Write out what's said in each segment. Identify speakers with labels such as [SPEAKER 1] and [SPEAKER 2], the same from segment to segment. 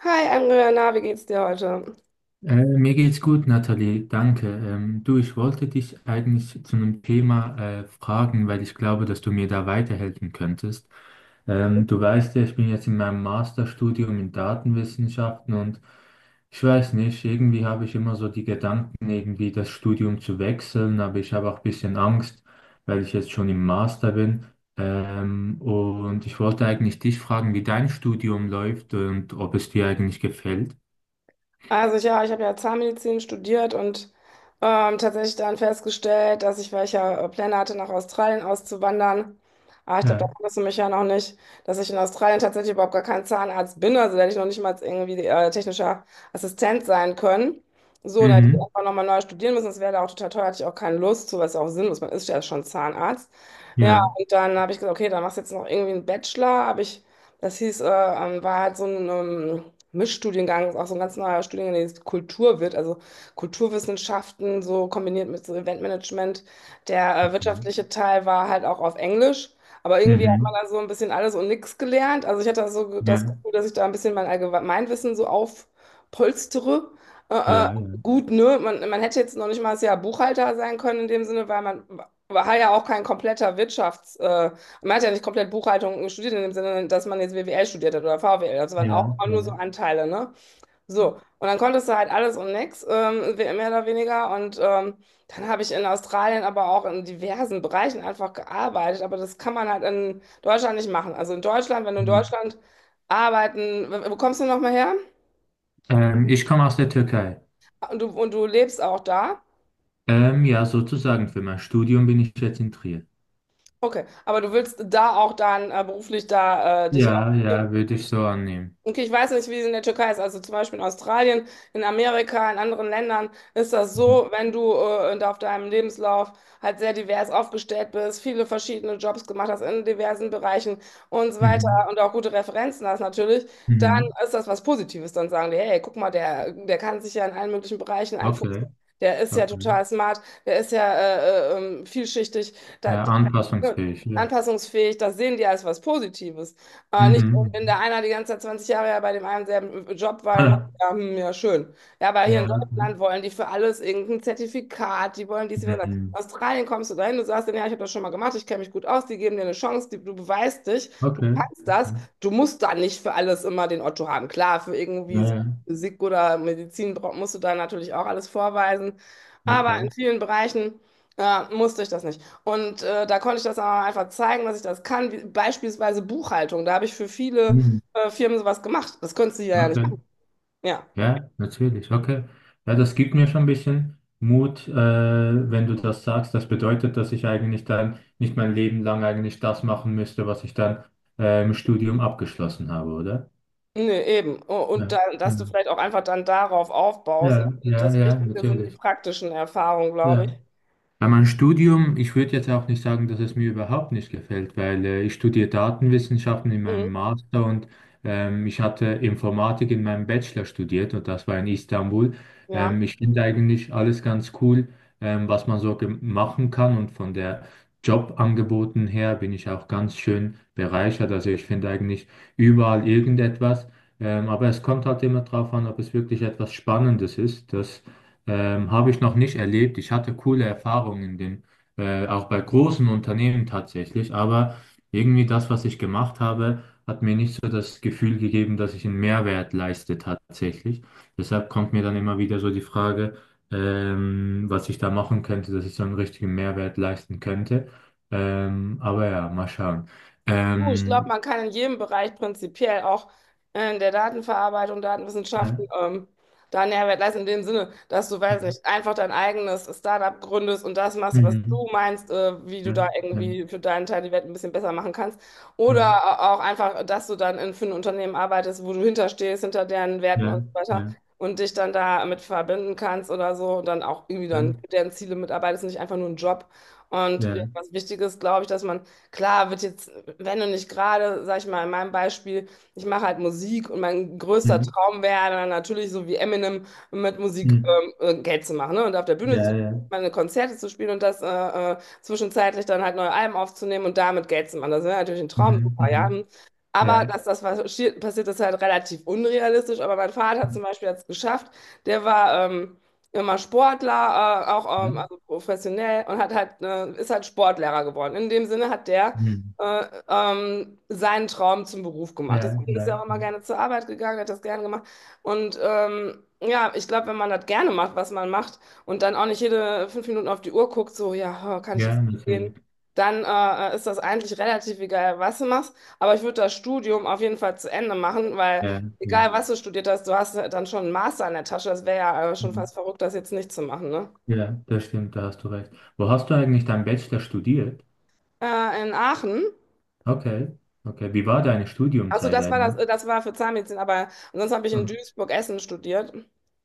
[SPEAKER 1] Hi Andrea, na, wie geht's dir heute?
[SPEAKER 2] Mir geht's gut, Nathalie, danke. Du, ich wollte dich eigentlich zu einem Thema fragen, weil ich glaube, dass du mir da weiterhelfen könntest. Du weißt ja, ich bin jetzt in meinem Masterstudium in Datenwissenschaften, und ich weiß nicht, irgendwie habe ich immer so die Gedanken, irgendwie das Studium zu wechseln, aber ich habe auch ein bisschen Angst, weil ich jetzt schon im Master bin. Und ich wollte eigentlich dich fragen, wie dein Studium läuft und ob es dir eigentlich gefällt.
[SPEAKER 1] Also ich, ja, ich habe ja Zahnmedizin studiert und tatsächlich dann festgestellt, dass ich, weil ich ja Pläne hatte, nach Australien auszuwandern, ich glaube, da
[SPEAKER 2] Ja.
[SPEAKER 1] kannst du mich ja noch nicht, dass ich in Australien tatsächlich überhaupt gar kein Zahnarzt bin, also da hätte ich noch nicht mal irgendwie technischer Assistent sein können. So, dann hätte ich
[SPEAKER 2] Mhm.
[SPEAKER 1] einfach nochmal neu studieren müssen, das wäre da auch total teuer, hatte ich auch keine Lust zu, was ja auch sinnlos, man ist ja schon Zahnarzt. Ja,
[SPEAKER 2] Ja,
[SPEAKER 1] und dann habe ich gesagt, okay, dann machst du jetzt noch irgendwie einen Bachelor, habe ich, das hieß, war halt so ein... Mischstudiengang, ist auch so ein ganz neuer Studiengang, der jetzt Kultur wird, also Kulturwissenschaften, so kombiniert mit so Eventmanagement. Der
[SPEAKER 2] okay.
[SPEAKER 1] wirtschaftliche Teil war halt auch auf Englisch, aber irgendwie hat man
[SPEAKER 2] Mhm.
[SPEAKER 1] da so ein bisschen alles und nichts gelernt. Also ich hatte da so das
[SPEAKER 2] Ja,
[SPEAKER 1] Gefühl, dass ich da ein bisschen mein Allgemeinwissen so aufpolstere. Äh, äh,
[SPEAKER 2] ja,
[SPEAKER 1] gut, ne? Man hätte jetzt noch nicht mal das Jahr Buchhalter sein können in dem Sinne, weil man war ja auch kein kompletter Wirtschaftsmensch. Man hat ja nicht komplett Buchhaltung studiert, in dem Sinne, dass man jetzt WWL studiert hat oder VWL. Das waren auch
[SPEAKER 2] ja,
[SPEAKER 1] immer
[SPEAKER 2] ja,
[SPEAKER 1] nur so
[SPEAKER 2] ja.
[SPEAKER 1] Anteile, ne? So. Und dann konntest du halt alles und nix, mehr oder weniger. Und dann habe ich in Australien aber auch in diversen Bereichen einfach gearbeitet. Aber das kann man halt in Deutschland nicht machen. Also in Deutschland, wenn du in
[SPEAKER 2] Mhm.
[SPEAKER 1] Deutschland arbeiten, wo kommst du nochmal her?
[SPEAKER 2] Ich komme aus der Türkei.
[SPEAKER 1] Und du lebst auch da?
[SPEAKER 2] Ja, sozusagen für mein Studium bin ich jetzt in Trier.
[SPEAKER 1] Okay. Aber du willst da auch dann beruflich da dich
[SPEAKER 2] Ja,
[SPEAKER 1] orientieren?
[SPEAKER 2] ja, würde ich so annehmen.
[SPEAKER 1] Okay, ich weiß nicht, wie es in der Türkei ist. Also zum Beispiel in Australien, in Amerika, in anderen Ländern ist das
[SPEAKER 2] Mhm.
[SPEAKER 1] so, wenn du da auf deinem Lebenslauf halt sehr divers aufgestellt bist, viele verschiedene Jobs gemacht hast in diversen Bereichen und so weiter
[SPEAKER 2] Mhm.
[SPEAKER 1] und auch gute Referenzen hast natürlich, dann
[SPEAKER 2] Mhm.
[SPEAKER 1] ist das was Positives. Dann sagen die, hey, guck mal, der, der kann sich ja in allen möglichen Bereichen einfuchsen.
[SPEAKER 2] Okay,
[SPEAKER 1] Der ist ja
[SPEAKER 2] okay.
[SPEAKER 1] total smart, der ist ja vielschichtig, da,
[SPEAKER 2] Ja,
[SPEAKER 1] der,
[SPEAKER 2] anpassungsfähig, ja.
[SPEAKER 1] anpassungsfähig. Das sehen die als was Positives. Aber nicht,
[SPEAKER 2] Mhm,
[SPEAKER 1] wenn der
[SPEAKER 2] mhm.
[SPEAKER 1] einer die ganze Zeit 20 Jahre ja bei dem einen selben Job war, dann sagt er, ja, hm, ja, schön. Ja, aber hier in
[SPEAKER 2] Ja.
[SPEAKER 1] Deutschland wollen die für alles irgendein Zertifikat, die wollen dies, die wollen das. In
[SPEAKER 2] Mhm.
[SPEAKER 1] Australien kommst du dahin, du sagst dann, ja, ich habe das schon mal gemacht, ich kenne mich gut aus, die geben dir eine Chance, die, du beweist dich, du
[SPEAKER 2] Okay.
[SPEAKER 1] kannst das,
[SPEAKER 2] Okay.
[SPEAKER 1] du musst da nicht für alles immer den Otto haben. Klar, für irgendwie
[SPEAKER 2] Ja,
[SPEAKER 1] so
[SPEAKER 2] ja.
[SPEAKER 1] Physik oder Medizin musst du da natürlich auch alles vorweisen, aber
[SPEAKER 2] Okay.
[SPEAKER 1] in vielen Bereichen musste ich das nicht. Und da konnte ich das aber einfach zeigen, dass ich das kann. Wie, beispielsweise Buchhaltung. Da habe ich für viele
[SPEAKER 2] Mhm.
[SPEAKER 1] Firmen sowas gemacht. Das könntest du hier ja nicht
[SPEAKER 2] Okay.
[SPEAKER 1] machen. Ja,
[SPEAKER 2] Ja, natürlich, okay. Ja, das gibt mir schon ein bisschen Mut, wenn du das sagst. Das bedeutet, dass ich eigentlich dann nicht mein Leben lang eigentlich das machen müsste, was ich dann im Studium abgeschlossen habe, oder?
[SPEAKER 1] nee, eben. Und
[SPEAKER 2] Ja,
[SPEAKER 1] dann,
[SPEAKER 2] ja,
[SPEAKER 1] dass du vielleicht auch einfach dann darauf aufbaust.
[SPEAKER 2] ja,
[SPEAKER 1] Und
[SPEAKER 2] ja,
[SPEAKER 1] das
[SPEAKER 2] ja,
[SPEAKER 1] Wichtige sind die
[SPEAKER 2] natürlich.
[SPEAKER 1] praktischen Erfahrungen, glaube ich.
[SPEAKER 2] Ja. Bei meinem Studium, ich würde jetzt auch nicht sagen, dass es mir überhaupt nicht gefällt, weil ich studiere Datenwissenschaften in meinem
[SPEAKER 1] Mhm.
[SPEAKER 2] Master, und ich hatte Informatik in meinem Bachelor studiert, und das war in Istanbul.
[SPEAKER 1] Ja.
[SPEAKER 2] Ich finde eigentlich alles ganz cool, was man so machen kann und von der Jobangeboten her bin ich auch ganz schön bereichert. Also ich finde eigentlich überall irgendetwas, aber es kommt halt immer drauf an, ob es wirklich etwas Spannendes ist. Habe ich noch nicht erlebt. Ich hatte coole Erfahrungen in den, auch bei großen Unternehmen tatsächlich, aber irgendwie das, was ich gemacht habe, hat mir nicht so das Gefühl gegeben, dass ich einen Mehrwert leiste tatsächlich. Deshalb kommt mir dann immer wieder so die Frage, was ich da machen könnte, dass ich so einen richtigen Mehrwert leisten könnte. Aber ja, mal schauen.
[SPEAKER 1] Du, ich glaube,
[SPEAKER 2] Ähm,
[SPEAKER 1] man kann in jedem Bereich prinzipiell auch in der Datenverarbeitung,
[SPEAKER 2] ja,
[SPEAKER 1] Datenwissenschaften, da einen Mehrwert leisten, in dem Sinne, dass du, weiß nicht, einfach dein eigenes Startup gründest und das machst, was du
[SPEAKER 2] mhm,
[SPEAKER 1] meinst, wie du da
[SPEAKER 2] ja, ja,
[SPEAKER 1] irgendwie für deinen Teil die Welt ein bisschen besser machen kannst. Oder
[SPEAKER 2] ja,
[SPEAKER 1] auch einfach, dass du dann in, für ein Unternehmen arbeitest, wo du hinterstehst, hinter deren Werten und
[SPEAKER 2] ja,
[SPEAKER 1] so weiter
[SPEAKER 2] ja,
[SPEAKER 1] und dich dann da mit verbinden kannst oder so und dann auch irgendwie dann für
[SPEAKER 2] ja,
[SPEAKER 1] deren Ziele mitarbeitest, und nicht einfach nur einen Job. Und ja,
[SPEAKER 2] ja.
[SPEAKER 1] was wichtig ist, glaube ich, dass man Klar, wird jetzt wenn du nicht gerade, sag ich mal, in meinem Beispiel, ich mache halt Musik und mein größter
[SPEAKER 2] Mhm,
[SPEAKER 1] Traum wäre dann natürlich so wie Eminem mit Musik
[SPEAKER 2] mhm.
[SPEAKER 1] Geld zu machen, ne? Und auf der Bühne zu
[SPEAKER 2] Ja, ja,
[SPEAKER 1] meine Konzerte zu spielen und das zwischenzeitlich dann halt neue Alben aufzunehmen und damit Geld zu machen. Das wäre natürlich ein Traum,
[SPEAKER 2] mhm,
[SPEAKER 1] super, ja.
[SPEAKER 2] mhm.
[SPEAKER 1] Aber
[SPEAKER 2] Ja.
[SPEAKER 1] dass das passiert, ist halt relativ unrealistisch. Aber mein Vater
[SPEAKER 2] Mhm.
[SPEAKER 1] zum Beispiel hat es geschafft. Der war immer Sportler, auch
[SPEAKER 2] Ja.
[SPEAKER 1] also professionell und hat halt, ist halt Sportlehrer geworden. In dem Sinne hat der
[SPEAKER 2] Mhm.
[SPEAKER 1] seinen Traum zum Beruf gemacht.
[SPEAKER 2] Ja,
[SPEAKER 1] Deswegen ist er auch
[SPEAKER 2] ja,
[SPEAKER 1] immer
[SPEAKER 2] ja.
[SPEAKER 1] gerne zur Arbeit gegangen, hat das gerne gemacht. Und ja, ich glaube, wenn man das gerne macht, was man macht, und dann auch nicht jede 5 Minuten auf die Uhr guckt, so, ja, oh, kann ich jetzt
[SPEAKER 2] Ja, natürlich.
[SPEAKER 1] gehen, dann ist das eigentlich relativ egal, was du machst. Aber ich würde das Studium auf jeden Fall zu Ende machen, weil
[SPEAKER 2] Ja, ja.
[SPEAKER 1] egal, was du studiert hast, du hast dann schon einen Master in der Tasche. Das wäre ja schon
[SPEAKER 2] Mhm.
[SPEAKER 1] fast verrückt, das jetzt nicht zu machen, ne?
[SPEAKER 2] Ja, das stimmt, da hast du recht. Wo hast du eigentlich dein Bachelor studiert?
[SPEAKER 1] In Aachen.
[SPEAKER 2] Okay, okay. Wie war deine
[SPEAKER 1] Achso,
[SPEAKER 2] Studiumzeit
[SPEAKER 1] das war das,
[SPEAKER 2] eigentlich?
[SPEAKER 1] das war für Zahnmedizin, aber ansonsten habe ich in
[SPEAKER 2] Mhm.
[SPEAKER 1] Duisburg Essen studiert.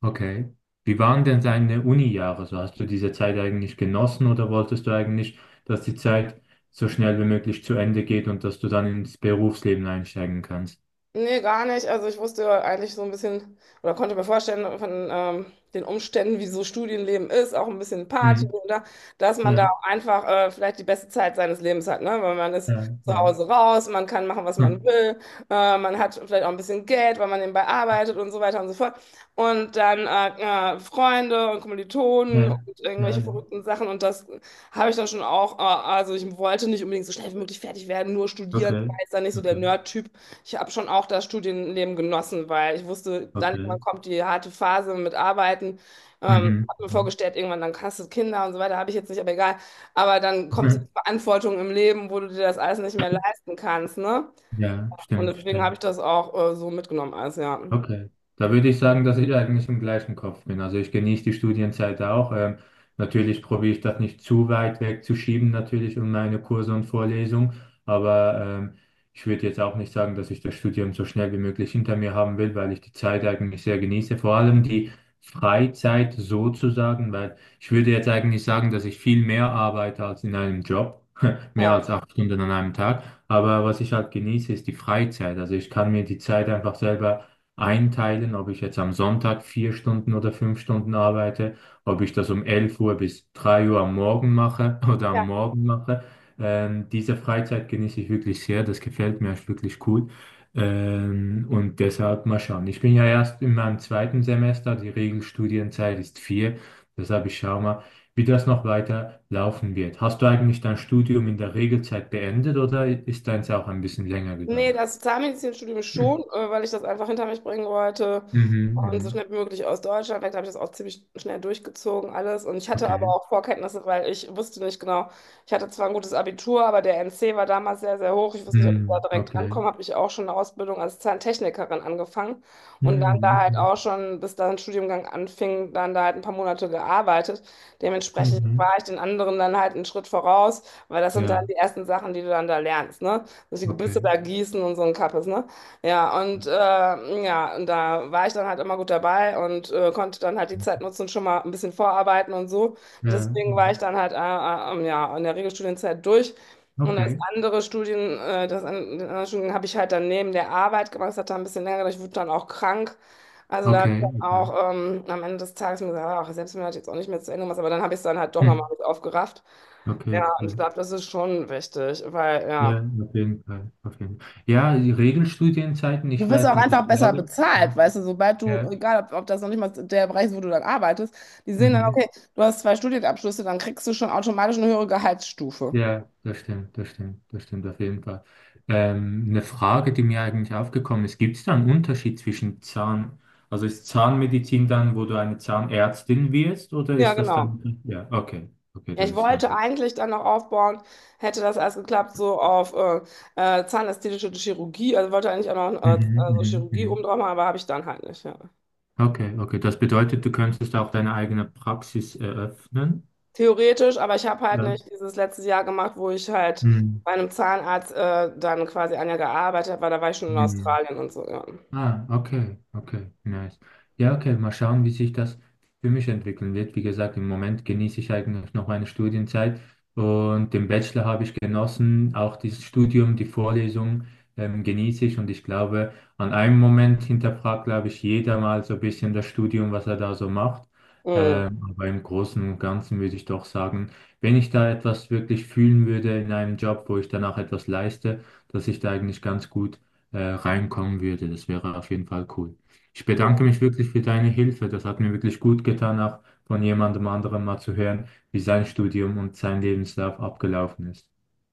[SPEAKER 2] Okay. Wie waren denn deine Uni-Jahre? So hast du diese Zeit eigentlich genossen oder wolltest du eigentlich, dass die Zeit so schnell wie möglich zu Ende geht und dass du dann ins Berufsleben einsteigen kannst?
[SPEAKER 1] Nee, gar nicht. Also ich wusste eigentlich so ein bisschen oder konnte mir vorstellen von den Umständen, wie so Studienleben ist, auch ein bisschen Party
[SPEAKER 2] Mhm.
[SPEAKER 1] oder dass man da
[SPEAKER 2] Ja,
[SPEAKER 1] auch einfach vielleicht die beste Zeit seines Lebens hat, ne? Weil man ist
[SPEAKER 2] ja,
[SPEAKER 1] zu
[SPEAKER 2] ja.
[SPEAKER 1] Hause raus, man kann machen, was
[SPEAKER 2] Hm.
[SPEAKER 1] man will, man hat vielleicht auch ein bisschen Geld, weil man nebenbei arbeitet und so weiter und so fort. Und dann Freunde und Kommilitonen
[SPEAKER 2] Ja,
[SPEAKER 1] und
[SPEAKER 2] ja,
[SPEAKER 1] irgendwelche
[SPEAKER 2] ja.
[SPEAKER 1] verrückten Sachen und das habe ich dann schon auch, also ich wollte nicht unbedingt so schnell wie möglich fertig werden, nur studieren, ich
[SPEAKER 2] Okay.
[SPEAKER 1] war jetzt da nicht so der
[SPEAKER 2] Okay.
[SPEAKER 1] Nerd-Typ. Ich habe schon auch das Studienleben genossen, weil ich wusste, dann irgendwann
[SPEAKER 2] Okay.
[SPEAKER 1] kommt die harte Phase mit Arbeiten.
[SPEAKER 2] Mhm.
[SPEAKER 1] Habe mir
[SPEAKER 2] Mhm.
[SPEAKER 1] vorgestellt, irgendwann dann hast du Kinder und so weiter, habe ich jetzt nicht, aber egal. Aber dann kommt so die Verantwortung im Leben, wo du dir das alles nicht mehr leisten kannst, ne?
[SPEAKER 2] Ja,
[SPEAKER 1] Und
[SPEAKER 2] stimmt,
[SPEAKER 1] deswegen habe
[SPEAKER 2] stimmt.
[SPEAKER 1] ich das auch so mitgenommen, alles, ja.
[SPEAKER 2] Okay, da würde ich sagen, dass ich eigentlich im gleichen Kopf bin. Also ich genieße die Studienzeit auch. Natürlich probiere ich das nicht zu weit wegzuschieben, natürlich um meine Kurse und Vorlesungen. Aber ich würde jetzt auch nicht sagen, dass ich das Studium so schnell wie möglich hinter mir haben will, weil ich die Zeit eigentlich sehr genieße. Vor allem die Freizeit sozusagen, weil ich würde jetzt eigentlich sagen, dass ich viel mehr arbeite als in einem Job. Mehr
[SPEAKER 1] Ja.
[SPEAKER 2] als 8 Stunden an einem Tag. Aber was ich halt genieße, ist die Freizeit. Also ich kann mir die Zeit einfach selber einteilen, ob ich jetzt am Sonntag 4 Stunden oder 5 Stunden arbeite, ob ich das um 11 Uhr bis 3 Uhr am Morgen mache oder am
[SPEAKER 1] Ja.
[SPEAKER 2] Morgen mache. Diese Freizeit genieße ich wirklich sehr, das gefällt mir, ist wirklich cool. Und deshalb mal schauen. Ich bin ja erst in meinem zweiten Semester, die Regelstudienzeit ist vier, deshalb ich schaue mal, wie das noch weiter laufen wird. Hast du eigentlich dein Studium in der Regelzeit beendet oder ist deins auch ein bisschen länger
[SPEAKER 1] Nee,
[SPEAKER 2] gegangen?
[SPEAKER 1] das Zahnmedizinstudium schon,
[SPEAKER 2] Mhm,
[SPEAKER 1] weil ich das einfach hinter mich bringen wollte und so
[SPEAKER 2] mhm.
[SPEAKER 1] schnell wie möglich aus Deutschland weg. Da habe ich das auch ziemlich schnell durchgezogen, alles. Und ich hatte aber
[SPEAKER 2] Okay.
[SPEAKER 1] auch Vorkenntnisse, weil ich wusste nicht genau. Ich hatte zwar ein gutes Abitur, aber der NC war damals sehr, sehr hoch. Ich wusste nicht, ob ich da
[SPEAKER 2] Mhm,
[SPEAKER 1] direkt
[SPEAKER 2] okay.
[SPEAKER 1] rankomme. Habe ich auch schon eine Ausbildung als Zahntechnikerin angefangen und dann
[SPEAKER 2] Mhm,
[SPEAKER 1] da halt
[SPEAKER 2] okay.
[SPEAKER 1] auch schon, bis dann Studiengang anfing, dann da halt ein paar Monate gearbeitet. Dementsprechend war
[SPEAKER 2] Mhm.
[SPEAKER 1] ich den anderen dann halt einen Schritt voraus, weil das sind dann die
[SPEAKER 2] Ja,
[SPEAKER 1] ersten Sachen, die du dann da lernst, ne? Dass die
[SPEAKER 2] okay.
[SPEAKER 1] Gebüsse da gießen und so ein Kappes, ne? Ja, und ja, und da war ich dann halt immer gut dabei und konnte dann halt die Zeit nutzen, schon mal ein bisschen vorarbeiten und so.
[SPEAKER 2] Ja,
[SPEAKER 1] Deswegen war
[SPEAKER 2] ja.
[SPEAKER 1] ich dann halt ja, in der Regelstudienzeit durch. Und das
[SPEAKER 2] Okay.
[SPEAKER 1] andere Studien, das an, den anderen Studien habe ich halt dann neben der Arbeit gemacht. Das hat dann ein bisschen länger gedauert. Ich wurde dann auch krank. Also da habe ich
[SPEAKER 2] Okay,
[SPEAKER 1] dann
[SPEAKER 2] okay.
[SPEAKER 1] auch am Ende des Tages mir gesagt, ach, selbst wenn du das jetzt auch nicht mehr zu Ende machst, aber dann habe ich es dann halt doch
[SPEAKER 2] Hm.
[SPEAKER 1] nochmal mit aufgerafft. Ja,
[SPEAKER 2] Okay,
[SPEAKER 1] und ich
[SPEAKER 2] cool.
[SPEAKER 1] glaube, das ist schon wichtig, weil
[SPEAKER 2] Ja,
[SPEAKER 1] ja.
[SPEAKER 2] auf jeden Fall. Auf jeden Fall. Ja, die Regelstudienzeiten, ich
[SPEAKER 1] Du wirst
[SPEAKER 2] weiß
[SPEAKER 1] auch
[SPEAKER 2] nicht, ich
[SPEAKER 1] einfach besser ja,
[SPEAKER 2] glaube.
[SPEAKER 1] bezahlt,
[SPEAKER 2] Ja,
[SPEAKER 1] weißt du, sobald du,
[SPEAKER 2] ja.
[SPEAKER 1] egal ob, ob das noch nicht mal der Bereich ist, wo du dann arbeitest, die sehen dann,
[SPEAKER 2] Mhm.
[SPEAKER 1] okay, du hast zwei Studienabschlüsse, dann kriegst du schon automatisch eine höhere Gehaltsstufe.
[SPEAKER 2] Ja, das stimmt, das stimmt, das stimmt auf jeden Fall. Eine Frage, die mir eigentlich aufgekommen ist, gibt es da einen Unterschied zwischen Zahn, also ist Zahnmedizin dann, wo du eine Zahnärztin wirst, oder
[SPEAKER 1] Ja,
[SPEAKER 2] ist das
[SPEAKER 1] genau.
[SPEAKER 2] dann, ja, okay, okay,
[SPEAKER 1] Ja,
[SPEAKER 2] das
[SPEAKER 1] ich
[SPEAKER 2] ist dann.
[SPEAKER 1] wollte eigentlich dann noch aufbauen, hätte das alles geklappt, so auf zahnästhetische Chirurgie, also wollte eigentlich auch noch
[SPEAKER 2] Mhm,
[SPEAKER 1] also
[SPEAKER 2] mhm,
[SPEAKER 1] Chirurgie oben
[SPEAKER 2] mhm.
[SPEAKER 1] drauf machen, aber habe ich dann halt nicht. Ja.
[SPEAKER 2] Okay, okay. Das bedeutet, du könntest auch deine eigene Praxis eröffnen.
[SPEAKER 1] Theoretisch, aber ich habe halt
[SPEAKER 2] Ja.
[SPEAKER 1] nicht dieses letzte Jahr gemacht, wo ich halt
[SPEAKER 2] Mhm.
[SPEAKER 1] bei einem Zahnarzt dann quasi 1 Jahr gearbeitet habe, weil da war ich schon in
[SPEAKER 2] Mhm.
[SPEAKER 1] Australien und so, ja.
[SPEAKER 2] Ah, okay, okay, nice. Ja, okay, mal schauen, wie sich das für mich entwickeln wird. Wie gesagt, im Moment genieße ich eigentlich noch meine Studienzeit und den Bachelor habe ich genossen, auch dieses Studium, die Vorlesung genieße ich und ich glaube, an einem Moment hinterfragt, glaube ich, jeder mal so ein bisschen das Studium, was er da so macht.
[SPEAKER 1] Mhm.
[SPEAKER 2] Aber im Großen und Ganzen würde ich doch sagen, wenn ich da etwas wirklich fühlen würde in einem Job, wo ich danach etwas leiste, dass ich da eigentlich ganz gut reinkommen würde. Das wäre auf jeden Fall cool. Ich bedanke mich wirklich für deine Hilfe. Das hat mir wirklich gut getan, auch von jemandem anderem mal zu hören, wie sein Studium und sein Lebenslauf abgelaufen ist.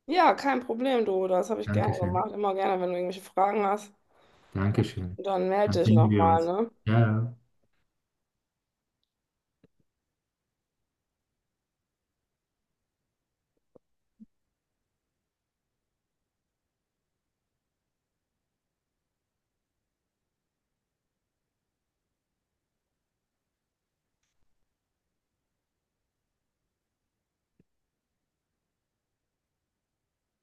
[SPEAKER 1] Ja, kein Problem, du. Das habe ich gerne
[SPEAKER 2] Dankeschön.
[SPEAKER 1] gemacht. Immer gerne, wenn du irgendwelche Fragen hast.
[SPEAKER 2] Dankeschön.
[SPEAKER 1] Dann melde
[SPEAKER 2] Dann
[SPEAKER 1] dich
[SPEAKER 2] sehen wir
[SPEAKER 1] nochmal,
[SPEAKER 2] uns.
[SPEAKER 1] ne?
[SPEAKER 2] Ja.